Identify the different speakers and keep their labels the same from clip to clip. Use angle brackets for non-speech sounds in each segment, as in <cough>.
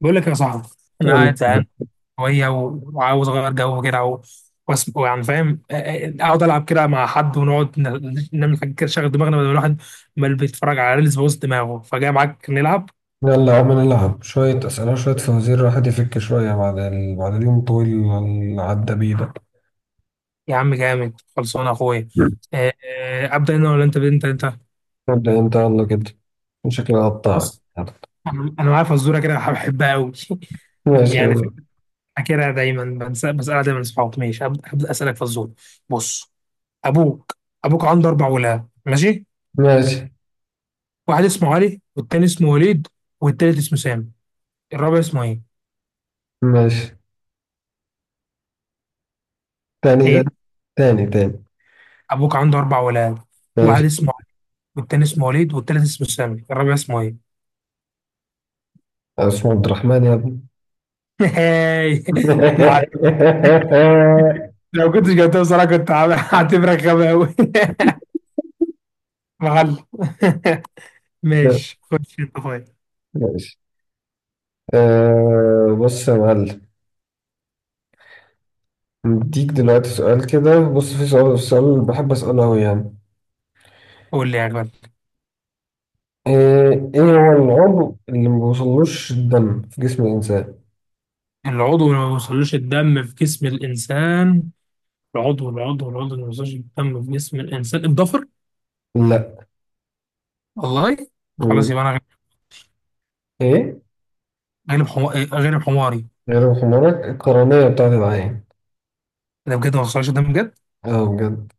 Speaker 1: بقول لك يا صاحبي، انا قاعد
Speaker 2: يلا
Speaker 1: زهقان شويه وعاوز اغير جو كده ويعني فاهم. اقعد العب كده مع حد، ونقعد نعمل حاجه كده، شغل دماغنا، بدل الواحد ما اللي بيتفرج على ريلز بوظ دماغه، فجاي معاك نلعب.
Speaker 2: يلا يا عم، نلعب شوية أسئلة، شوية فوازير، الواحد يفك شوية بعد اليوم الطويل اللي عدى بيه ده.
Speaker 1: يا عم جامد، خلصانه يا اخويا. ابدا انا ولا انت؟
Speaker 2: ابدأ أنت يلا كده، شكلي هقطعك.
Speaker 1: بص، انا معايا فزوره كده بحبها قوي. <laughs>
Speaker 2: ماشي
Speaker 1: يعني،
Speaker 2: يلا.
Speaker 1: فاكرها دايما، بسالها دايما اصحابي. ماشي، هبدأ اسالك فزوره. بص، ابوك. عنده اربع ولاد، ماشي.
Speaker 2: ماشي،
Speaker 1: واحد اسمه علي، والتاني اسمه وليد، والتالت اسمه سامي، الرابع اسمه ايه؟
Speaker 2: ماشي. تاني تاني
Speaker 1: ايه؟
Speaker 2: تاني تاني.
Speaker 1: ابوك عنده اربع ولاد.
Speaker 2: ماشي،
Speaker 1: واحد اسمه علي، والتاني اسمه وليد والتالت اسمه سامي، الرابع اسمه ايه؟
Speaker 2: اسمه عبد الرحمن يا ابني.
Speaker 1: <laughs> هاي. ما عرف-
Speaker 2: <laughs>
Speaker 1: لو كنتش جبتها بصراحة، هعتبرك غبي قوي. <laughs> مغل. <laughs> ماشي، خش انت طيب.
Speaker 2: ماشي، بص يا معلم، مديك دلوقتي سؤال كده، بص، في السؤال اللي بحب أسأله أوي يعني.
Speaker 1: قول لي يا غالي.
Speaker 2: إيه إيه هو العضو اللي ما بيوصلوش الدم في جسم الإنسان؟
Speaker 1: العضو اللي ما بيوصلوش الدم في جسم الانسان. العضو اللي ما بيوصلوش الدم في جسم الانسان، الضفر.
Speaker 2: لا.
Speaker 1: والله. خلاص،
Speaker 2: مم.
Speaker 1: يبقى انا
Speaker 2: إيه؟
Speaker 1: غالب حماري غالب حماري.
Speaker 2: غير حمارك، القرنية بتاعت العين.
Speaker 1: ده بجد ما حصلش، ده بجد.
Speaker 2: أه، بجد.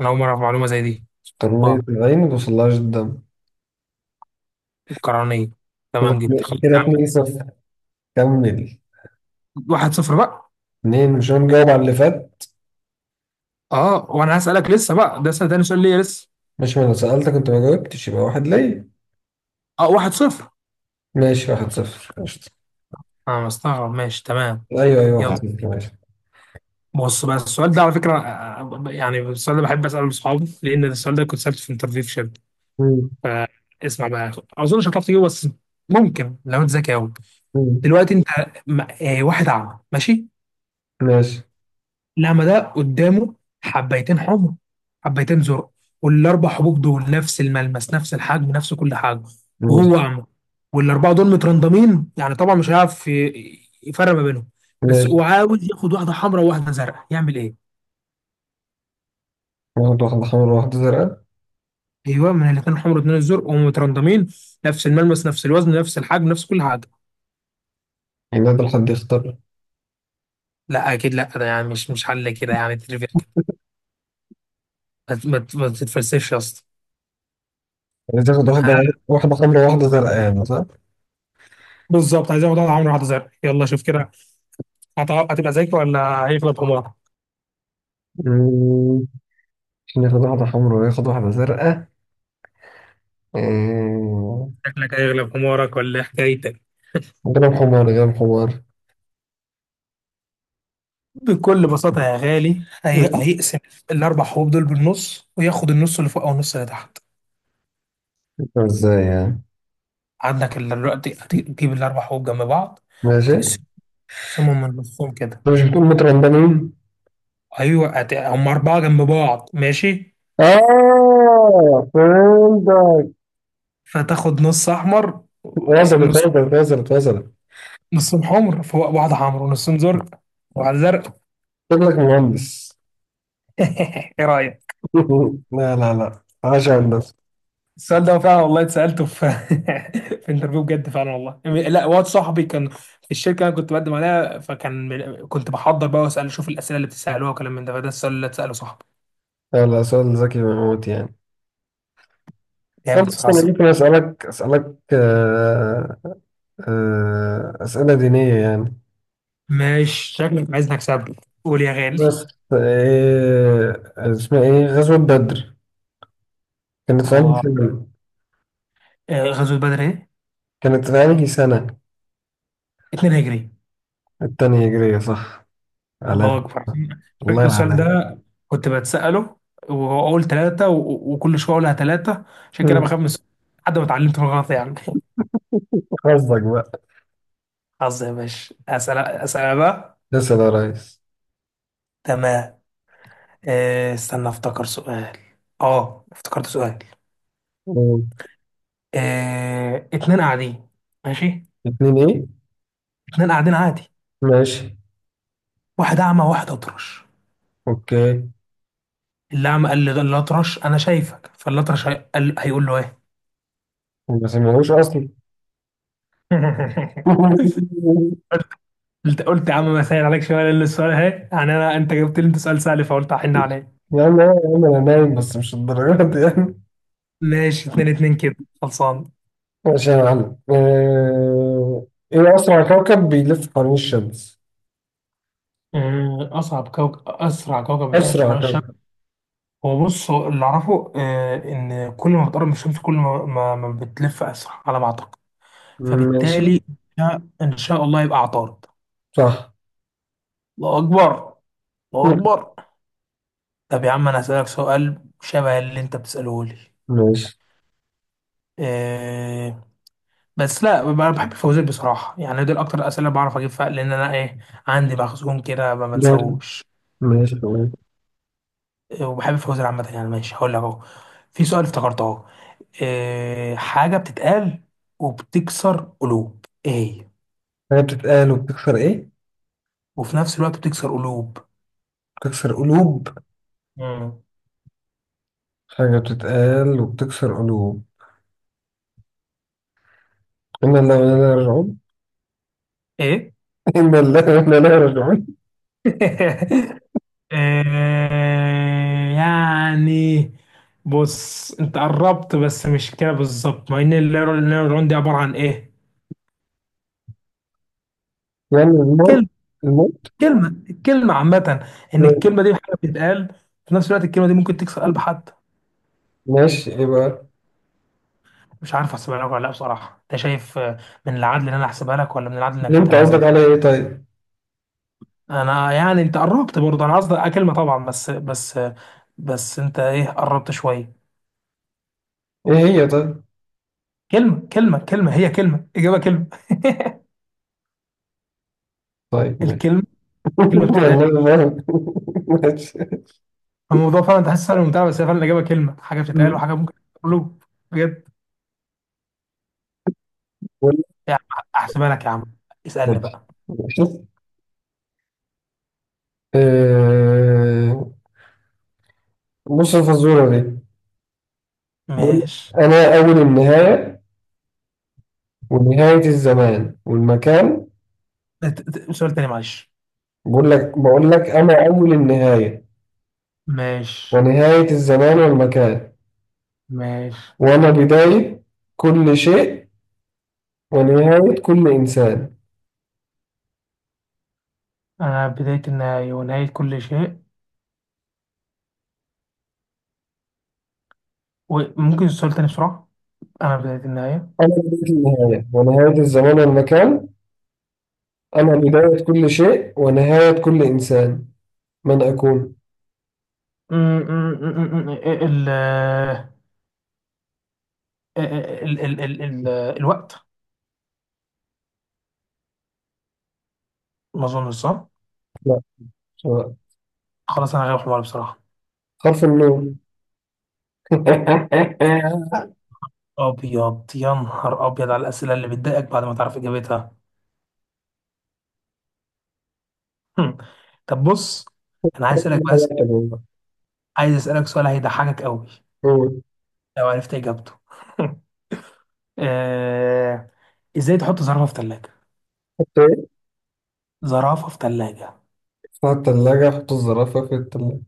Speaker 1: انا اول مره اعرف معلومه زي دي.
Speaker 2: قرنية
Speaker 1: واو.
Speaker 2: العين ما بيوصلهاش الدم.
Speaker 1: القرنيه. تمام جدا، خلاص
Speaker 2: كده
Speaker 1: يا عم.
Speaker 2: 2-0. كمل.
Speaker 1: واحد صفر بقى.
Speaker 2: اتنين، مش أنا مجاوب على اللي فات.
Speaker 1: اه، وانا هسالك لسه بقى، ده سنة تاني سؤال ليا لسه.
Speaker 2: ماشي، ما أنا سألتك أنت ما جاوبتش، يبقى واحد ليا.
Speaker 1: اه، واحد صفر.
Speaker 2: ماشي، 1-0، قشطة.
Speaker 1: انا مستغرب، ماشي، تمام.
Speaker 2: أيوه أيوه،
Speaker 1: يلا.
Speaker 2: واحد صفر، ماشي.
Speaker 1: بص بقى، السؤال ده على فكره. يعني السؤال ده بحب اساله لاصحابي، لان السؤال ده كنت سالته في انترفيو في شركه.
Speaker 2: مم.
Speaker 1: فاسمع بقى. اظن مش هتعرف تجيبه، بس ممكن لو انت ذكي قوي.
Speaker 2: مم.
Speaker 1: دلوقتي انت، واحد اعمى، ماشي.
Speaker 2: ماشي،
Speaker 1: لا، ما ده قدامه حبيتين حمر، حبيتين زرق، والاربع حبوب دول نفس الملمس، نفس الحجم، نفس كل حاجه.
Speaker 2: ماشي،
Speaker 1: وهو اعمى، والاربعه دول مترندمين. يعني طبعا مش هيعرف يفرق ما بينهم. بس
Speaker 2: ماشي.
Speaker 1: وعاوز ياخد واحده حمراء وواحده زرقاء، يعمل ايه؟
Speaker 2: واحدة حمرا، واحدة زرقاء،
Speaker 1: ايوه، من الاثنين الحمر واثنين الزرق، وهم مترندمين، نفس الملمس، نفس الوزن، نفس الحجم، نفس كل حاجه.
Speaker 2: يعني ده الحد يختار.
Speaker 1: لا اكيد لا، ده يعني مش حل كده، يعني تريفيا كده. ما تتفلسفش يا اسطى.
Speaker 2: عايز تاخد واحدة حمرا واحدة زرقاء يعني، صح؟
Speaker 1: بالظبط، عايز ياخد واحده حمراء واحده زرقاء. يلا شوف كده، هتبقى ذكي ولا هيغلب حمارك؟
Speaker 2: مم، ناخد واحدة حمرا وياخد واحدة زرقاء. آه،
Speaker 1: شكلك هيغلب حمارك ولا إيه حكايتك؟
Speaker 2: جرب حمار، جرب حمار.
Speaker 1: بكل بساطة يا غالي،
Speaker 2: مم،
Speaker 1: هيقسم الأربع حبوب دول بالنص، وياخد النص اللي فوق أو النص اللي تحت.
Speaker 2: ازاي يعني؟
Speaker 1: دلوقتي هتجيب الأربع حبوب جنب بعض.
Speaker 2: ماشي، انت
Speaker 1: تقسم- تقسمهم من نصهم كده.
Speaker 2: مش بتقول مترندمين؟
Speaker 1: أيوه، هم أربعة جنب بعض، ماشي.
Speaker 2: اه، فهمتك.
Speaker 1: فتاخد نص أحمر
Speaker 2: وصلت،
Speaker 1: نص.
Speaker 2: وصلت، وصلت، وصلت.
Speaker 1: نصهم حمر فوق بعض، حمر، ونصهم زرق وبعد زرق.
Speaker 2: شكلك مهندس.
Speaker 1: <laughs> إيه رأيك؟
Speaker 2: <laughs> لا لا لا، عاش يا هندسة.
Speaker 1: السؤال ده فعلا والله اتسألته في <laughs> في انترفيو، بجد فعلا والله. لا، واد صاحبي كان في الشركه اللي انا كنت بقدم عليها، فكان كنت بحضر بقى واسال، اشوف الاسئله اللي بتسالوها وكلام من ده. فده السؤال اللي اتساله صاحبي.
Speaker 2: لا لا، سؤال ذكي موت يعني.
Speaker 1: جامد
Speaker 2: أنا أصلا
Speaker 1: صراحة.
Speaker 2: ممكن أسألك أسئلة دينية يعني.
Speaker 1: ماشي، شكلك عايزني اكسبك. قول يا غالي.
Speaker 2: بس إيه اسمها، إيه غزوة بدر كانت في أنهي
Speaker 1: اه.
Speaker 2: سنة؟
Speaker 1: غزوة بدر ايه؟
Speaker 2: كانت في أنهي سنة؟
Speaker 1: 2 هجري.
Speaker 2: التانية هجرية، صح.
Speaker 1: الله
Speaker 2: علام؟
Speaker 1: اكبر.
Speaker 2: الله
Speaker 1: فاكر السؤال
Speaker 2: يعلم.
Speaker 1: ده كنت بتسأله، واقول ثلاثة، وكل شوية اقولها ثلاثة. عشان كده
Speaker 2: مم.
Speaker 1: بخاف من السؤال. لحد ما اتعلمت من الغلط يعني. <laughs>
Speaker 2: حظك بقى.
Speaker 1: حظ يا باشا. اسأل اسأل أنا بقى.
Speaker 2: اسأل يا ريس.
Speaker 1: تمام. استنى افتكر سؤال. اه افتكرت سؤال.
Speaker 2: مم.
Speaker 1: اتنين قاعدين، ماشي.
Speaker 2: اتنين ايه؟
Speaker 1: اتنين قاعدين عادي.
Speaker 2: ماشي.
Speaker 1: واحد اعمى واحد اطرش.
Speaker 2: اوكي.
Speaker 1: اللي اعمى قال للاطرش انا شايفك، فالاطرش قال هيقول له ايه.
Speaker 2: ما سمعوش اصلا.
Speaker 1: <laughs>
Speaker 2: <laughs>
Speaker 1: قلت قلت يا عم ما سهل عليك شويه، لان السؤال اهي، يعني انا، انت جبت لي انت سؤال سهل، فقلت احن عليه.
Speaker 2: يا عم، أيوة يا عم، انا نايم، بس مش الدرجات دي يعني.
Speaker 1: ماشي، اتنين اتنين كده، خلصان.
Speaker 2: ماشي يا معلم، ايه اسرع كوكب بيلف حوالين الشمس؟
Speaker 1: آه، اصعب كوكب اسرع كوكب بيحف
Speaker 2: اسرع
Speaker 1: حوالين الشمس.
Speaker 2: كوكب.
Speaker 1: هو بص، هو اللي اعرفه ان كل ما بتقرب من الشمس، كل ما بتلف اسرع على ما اعتقد.
Speaker 2: ماشي.
Speaker 1: فبالتالي، ان شاء الله يبقى عطارد.
Speaker 2: صح.
Speaker 1: الله اكبر. الله
Speaker 2: مم.
Speaker 1: اكبر. طب يا عم، انا هسألك سؤال شبه اللي انت بتسأله لي.
Speaker 2: ماشي،
Speaker 1: إيه. بس لا، انا بحب الفوازير بصراحة يعني، دول اكتر الاسئلة اللي بعرف اجيب فيها، لان انا ايه؟ عندي مخزون كده ما
Speaker 2: ماشي،
Speaker 1: بنساهوش.
Speaker 2: ماشي.
Speaker 1: إيه، وبحب الفوازير عامة يعني. ماشي، هقول لك اهو. في سؤال افتكرته اهو. إيه حاجة بتتقال وبتكسر قلوب، ايه هي؟
Speaker 2: هي بتتقال وبتكسر ايه؟
Speaker 1: وفي نفس الوقت بتكسر قلوب.
Speaker 2: بتكسر قلوب.
Speaker 1: مم.
Speaker 2: حاجة بتتقال وبتكسر قلوب. إنا لا ولا راجعون.
Speaker 1: ايه.
Speaker 2: <laughs> إنا لا ولا لا راجعون.
Speaker 1: <laughs> يعني، بص، انت قربت بس مش كده بالظبط، مع ان النيورون دي عباره عن ايه؟
Speaker 2: يعني الموت.
Speaker 1: كلمه
Speaker 2: الموت.
Speaker 1: كلمه الكلمه عامه. ان
Speaker 2: ماشي،
Speaker 1: الكلمه دي حاجه بتتقال. في نفس الوقت الكلمه دي ممكن تكسر قلب حد.
Speaker 2: ماشي، إيه بقى؟
Speaker 1: مش عارف احسبها لك ولا لا بصراحه، انت شايف، من العدل ان انا احسبها لك ولا من العدل انك
Speaker 2: اللي أنت قصدك
Speaker 1: تتنازل؟
Speaker 2: على إيه طيب؟
Speaker 1: انا يعني، انت قربت برضه، انا قصدي كلمه طبعا، بس انت ايه، قربت شويه.
Speaker 2: إيه هي طيب؟
Speaker 1: كلمه هي كلمه اجابه كلمه. <laughs>
Speaker 2: طيب ماشي.
Speaker 1: الكلمه،
Speaker 2: <laughs>
Speaker 1: كلمه بتتقال.
Speaker 2: والله ما <laughs> أعرف. ماشي.
Speaker 1: الموضوع فعلا تحس سهل وممتع، بس هي فعلا الإجابة كلمة، حاجة بتتقال
Speaker 2: مم.
Speaker 1: وحاجة ممكن تقوله. بجد.
Speaker 2: ولا-
Speaker 1: يا عم، أحسبها لك يا عم. اسألني
Speaker 2: ماشي،
Speaker 1: بقى.
Speaker 2: ماشي، آه، بص الفزورة دي. بقول
Speaker 1: ماشي.
Speaker 2: لك أنا أول النهاية ونهاية الزمان والمكان.
Speaker 1: سؤال تاني معلش.
Speaker 2: بقول لك أنا أول النهاية
Speaker 1: ماشي.
Speaker 2: ونهاية الزمان والمكان.
Speaker 1: ماشي.
Speaker 2: وأنا بداية كل شيء ونهاية كل إنسان.
Speaker 1: أنا بداية النهاية ونهاية كل شيء. وممكن السؤال تاني بسرعة؟ أنا بداية النهاية.
Speaker 2: أنا بداية النهاية ونهاية الزمان والمكان، أنا بداية كل شيء ونهاية كل إنسان، من أكون؟
Speaker 1: م- م- م- م- إيه ال إيه ال ال ال ال الوقت. ما أظنش صح.
Speaker 2: لا. مش هو.
Speaker 1: خلاص، أنا غير حمار بصراحة.
Speaker 2: حرف النون. <laughs>
Speaker 1: أبيض يا نهار أبيض على الأسئلة اللي بتضايقك بعد ما تعرف إجابتها. هم. طب، بص، انا عايز اسالك بس. عايز اسالك سؤال هيضحكك قوي لو عرفت اجابته. <laughs> آه... ازاي تحط زرافه في ثلاجه؟
Speaker 2: حط إيه؟
Speaker 1: زرافه في ثلاجه.
Speaker 2: حط الزرافة في الثلاجة.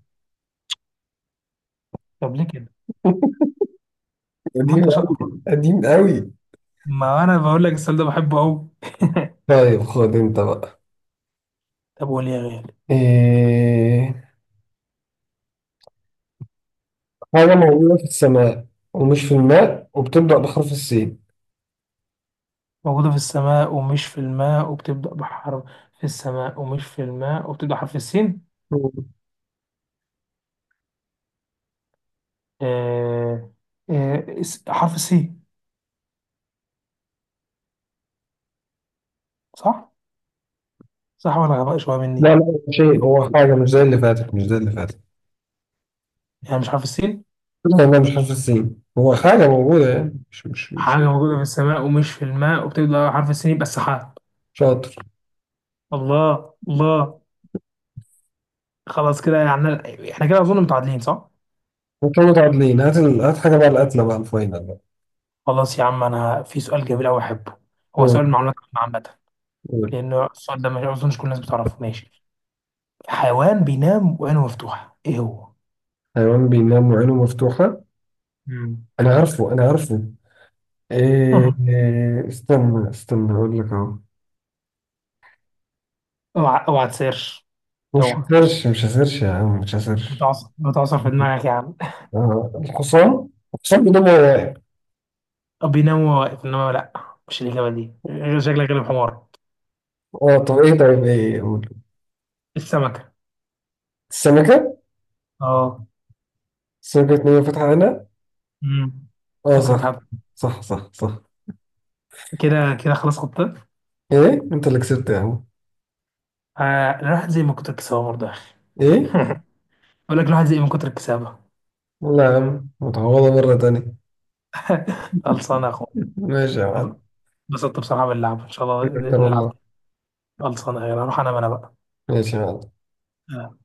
Speaker 1: طب ليه كده؟ طب ما
Speaker 2: قديم
Speaker 1: انت شاطر.
Speaker 2: أوي، قديم أوي.
Speaker 1: ما انا بقول لك السؤال ده بحبه قوي. <laughs>
Speaker 2: طيب خد أنت بقى.
Speaker 1: طب قول يا غالي.
Speaker 2: إيه، حاجة موجودة في السماء ومش في الماء وبتبدأ بحرف السين.
Speaker 1: موجوده في السماء ومش في الماء وبتبدا بحرف. في السماء ومش في الماء وبتبدا حرف السين.
Speaker 2: مم.
Speaker 1: آه... حرف السين. صح؟ صح ولا غباء شويه
Speaker 2: لا
Speaker 1: مني؟
Speaker 2: لا، هو حاجة، مش زي اللي فاتت، مش زي اللي فاتت.
Speaker 1: يعني مش حرف السين.
Speaker 2: لا لا، مش حرف السين، هو حاجة موجودة يعني، مش.
Speaker 1: حاجة موجودة في السماء ومش في الماء وبتبدأ على حرف السين، يبقى السحاب.
Speaker 2: شاطر.
Speaker 1: الله الله. خلاص كده يعني، احنا كده أظن متعادلين، صح؟
Speaker 2: انتوا متعادلين، هات هات حاجة بقى، القتلة بقى، الفاينل بقى.
Speaker 1: خلاص يا عم، أنا في سؤال جميل أوي أحبه. هو
Speaker 2: قول،
Speaker 1: سؤال معلومات عامة عامة،
Speaker 2: قول.
Speaker 1: لأنه السؤال ده ما أظنش كل الناس بتعرفه. ماشي. حيوان بينام وعينه مفتوحة، إيه هو؟
Speaker 2: حيوان بينام وعينه مفتوحة.
Speaker 1: مم.
Speaker 2: أنا عارفه، أنا عارفه. إيه
Speaker 1: <laughs>
Speaker 2: إيه استنى استنى أقول لك أهو.
Speaker 1: اوعى اوعى تسيرش.
Speaker 2: مش
Speaker 1: اوعى.
Speaker 2: هسيرش، مش هسيرش يا عم، مش هسيرش.
Speaker 1: بتعصر بتعصر في دماغك يا عم.
Speaker 2: آه، الحصان. الحصان بينام وهو واقف.
Speaker 1: بينام وهو واقف، انما لا. مش الإجابة دي، غير شكلك غلب حمار.
Speaker 2: اه، طب ايه طيب ايه، قول.
Speaker 1: السمكة.
Speaker 2: السمكة.
Speaker 1: اه.
Speaker 2: السمكة نية فاتحة عينها.
Speaker 1: مم.
Speaker 2: اه،
Speaker 1: ممكن
Speaker 2: صح.
Speaker 1: تهبط.
Speaker 2: صح، صح، صح.
Speaker 1: كده. كده خلاص، خطة.
Speaker 2: ايه انت اللي كسبت يا عم.
Speaker 1: الواحد زي ما كتر الكسبة برضه يا أخي.
Speaker 2: ايه.
Speaker 1: <laughs> بقول لك الواحد زي ما كتر الكسبة.
Speaker 2: والله يا عم، متعوضة مرة تانية.
Speaker 1: خلصانة يا أخويا.
Speaker 2: ماشي يا معلم.
Speaker 1: انبسطت بصراحة باللعب، إن شاء
Speaker 2: <laughs>
Speaker 1: الله
Speaker 2: شكراً والله.
Speaker 1: نلعب. خلصانة، يلا هروح أنام أنا بقى.
Speaker 2: ماشي يا معلم.
Speaker 1: آه.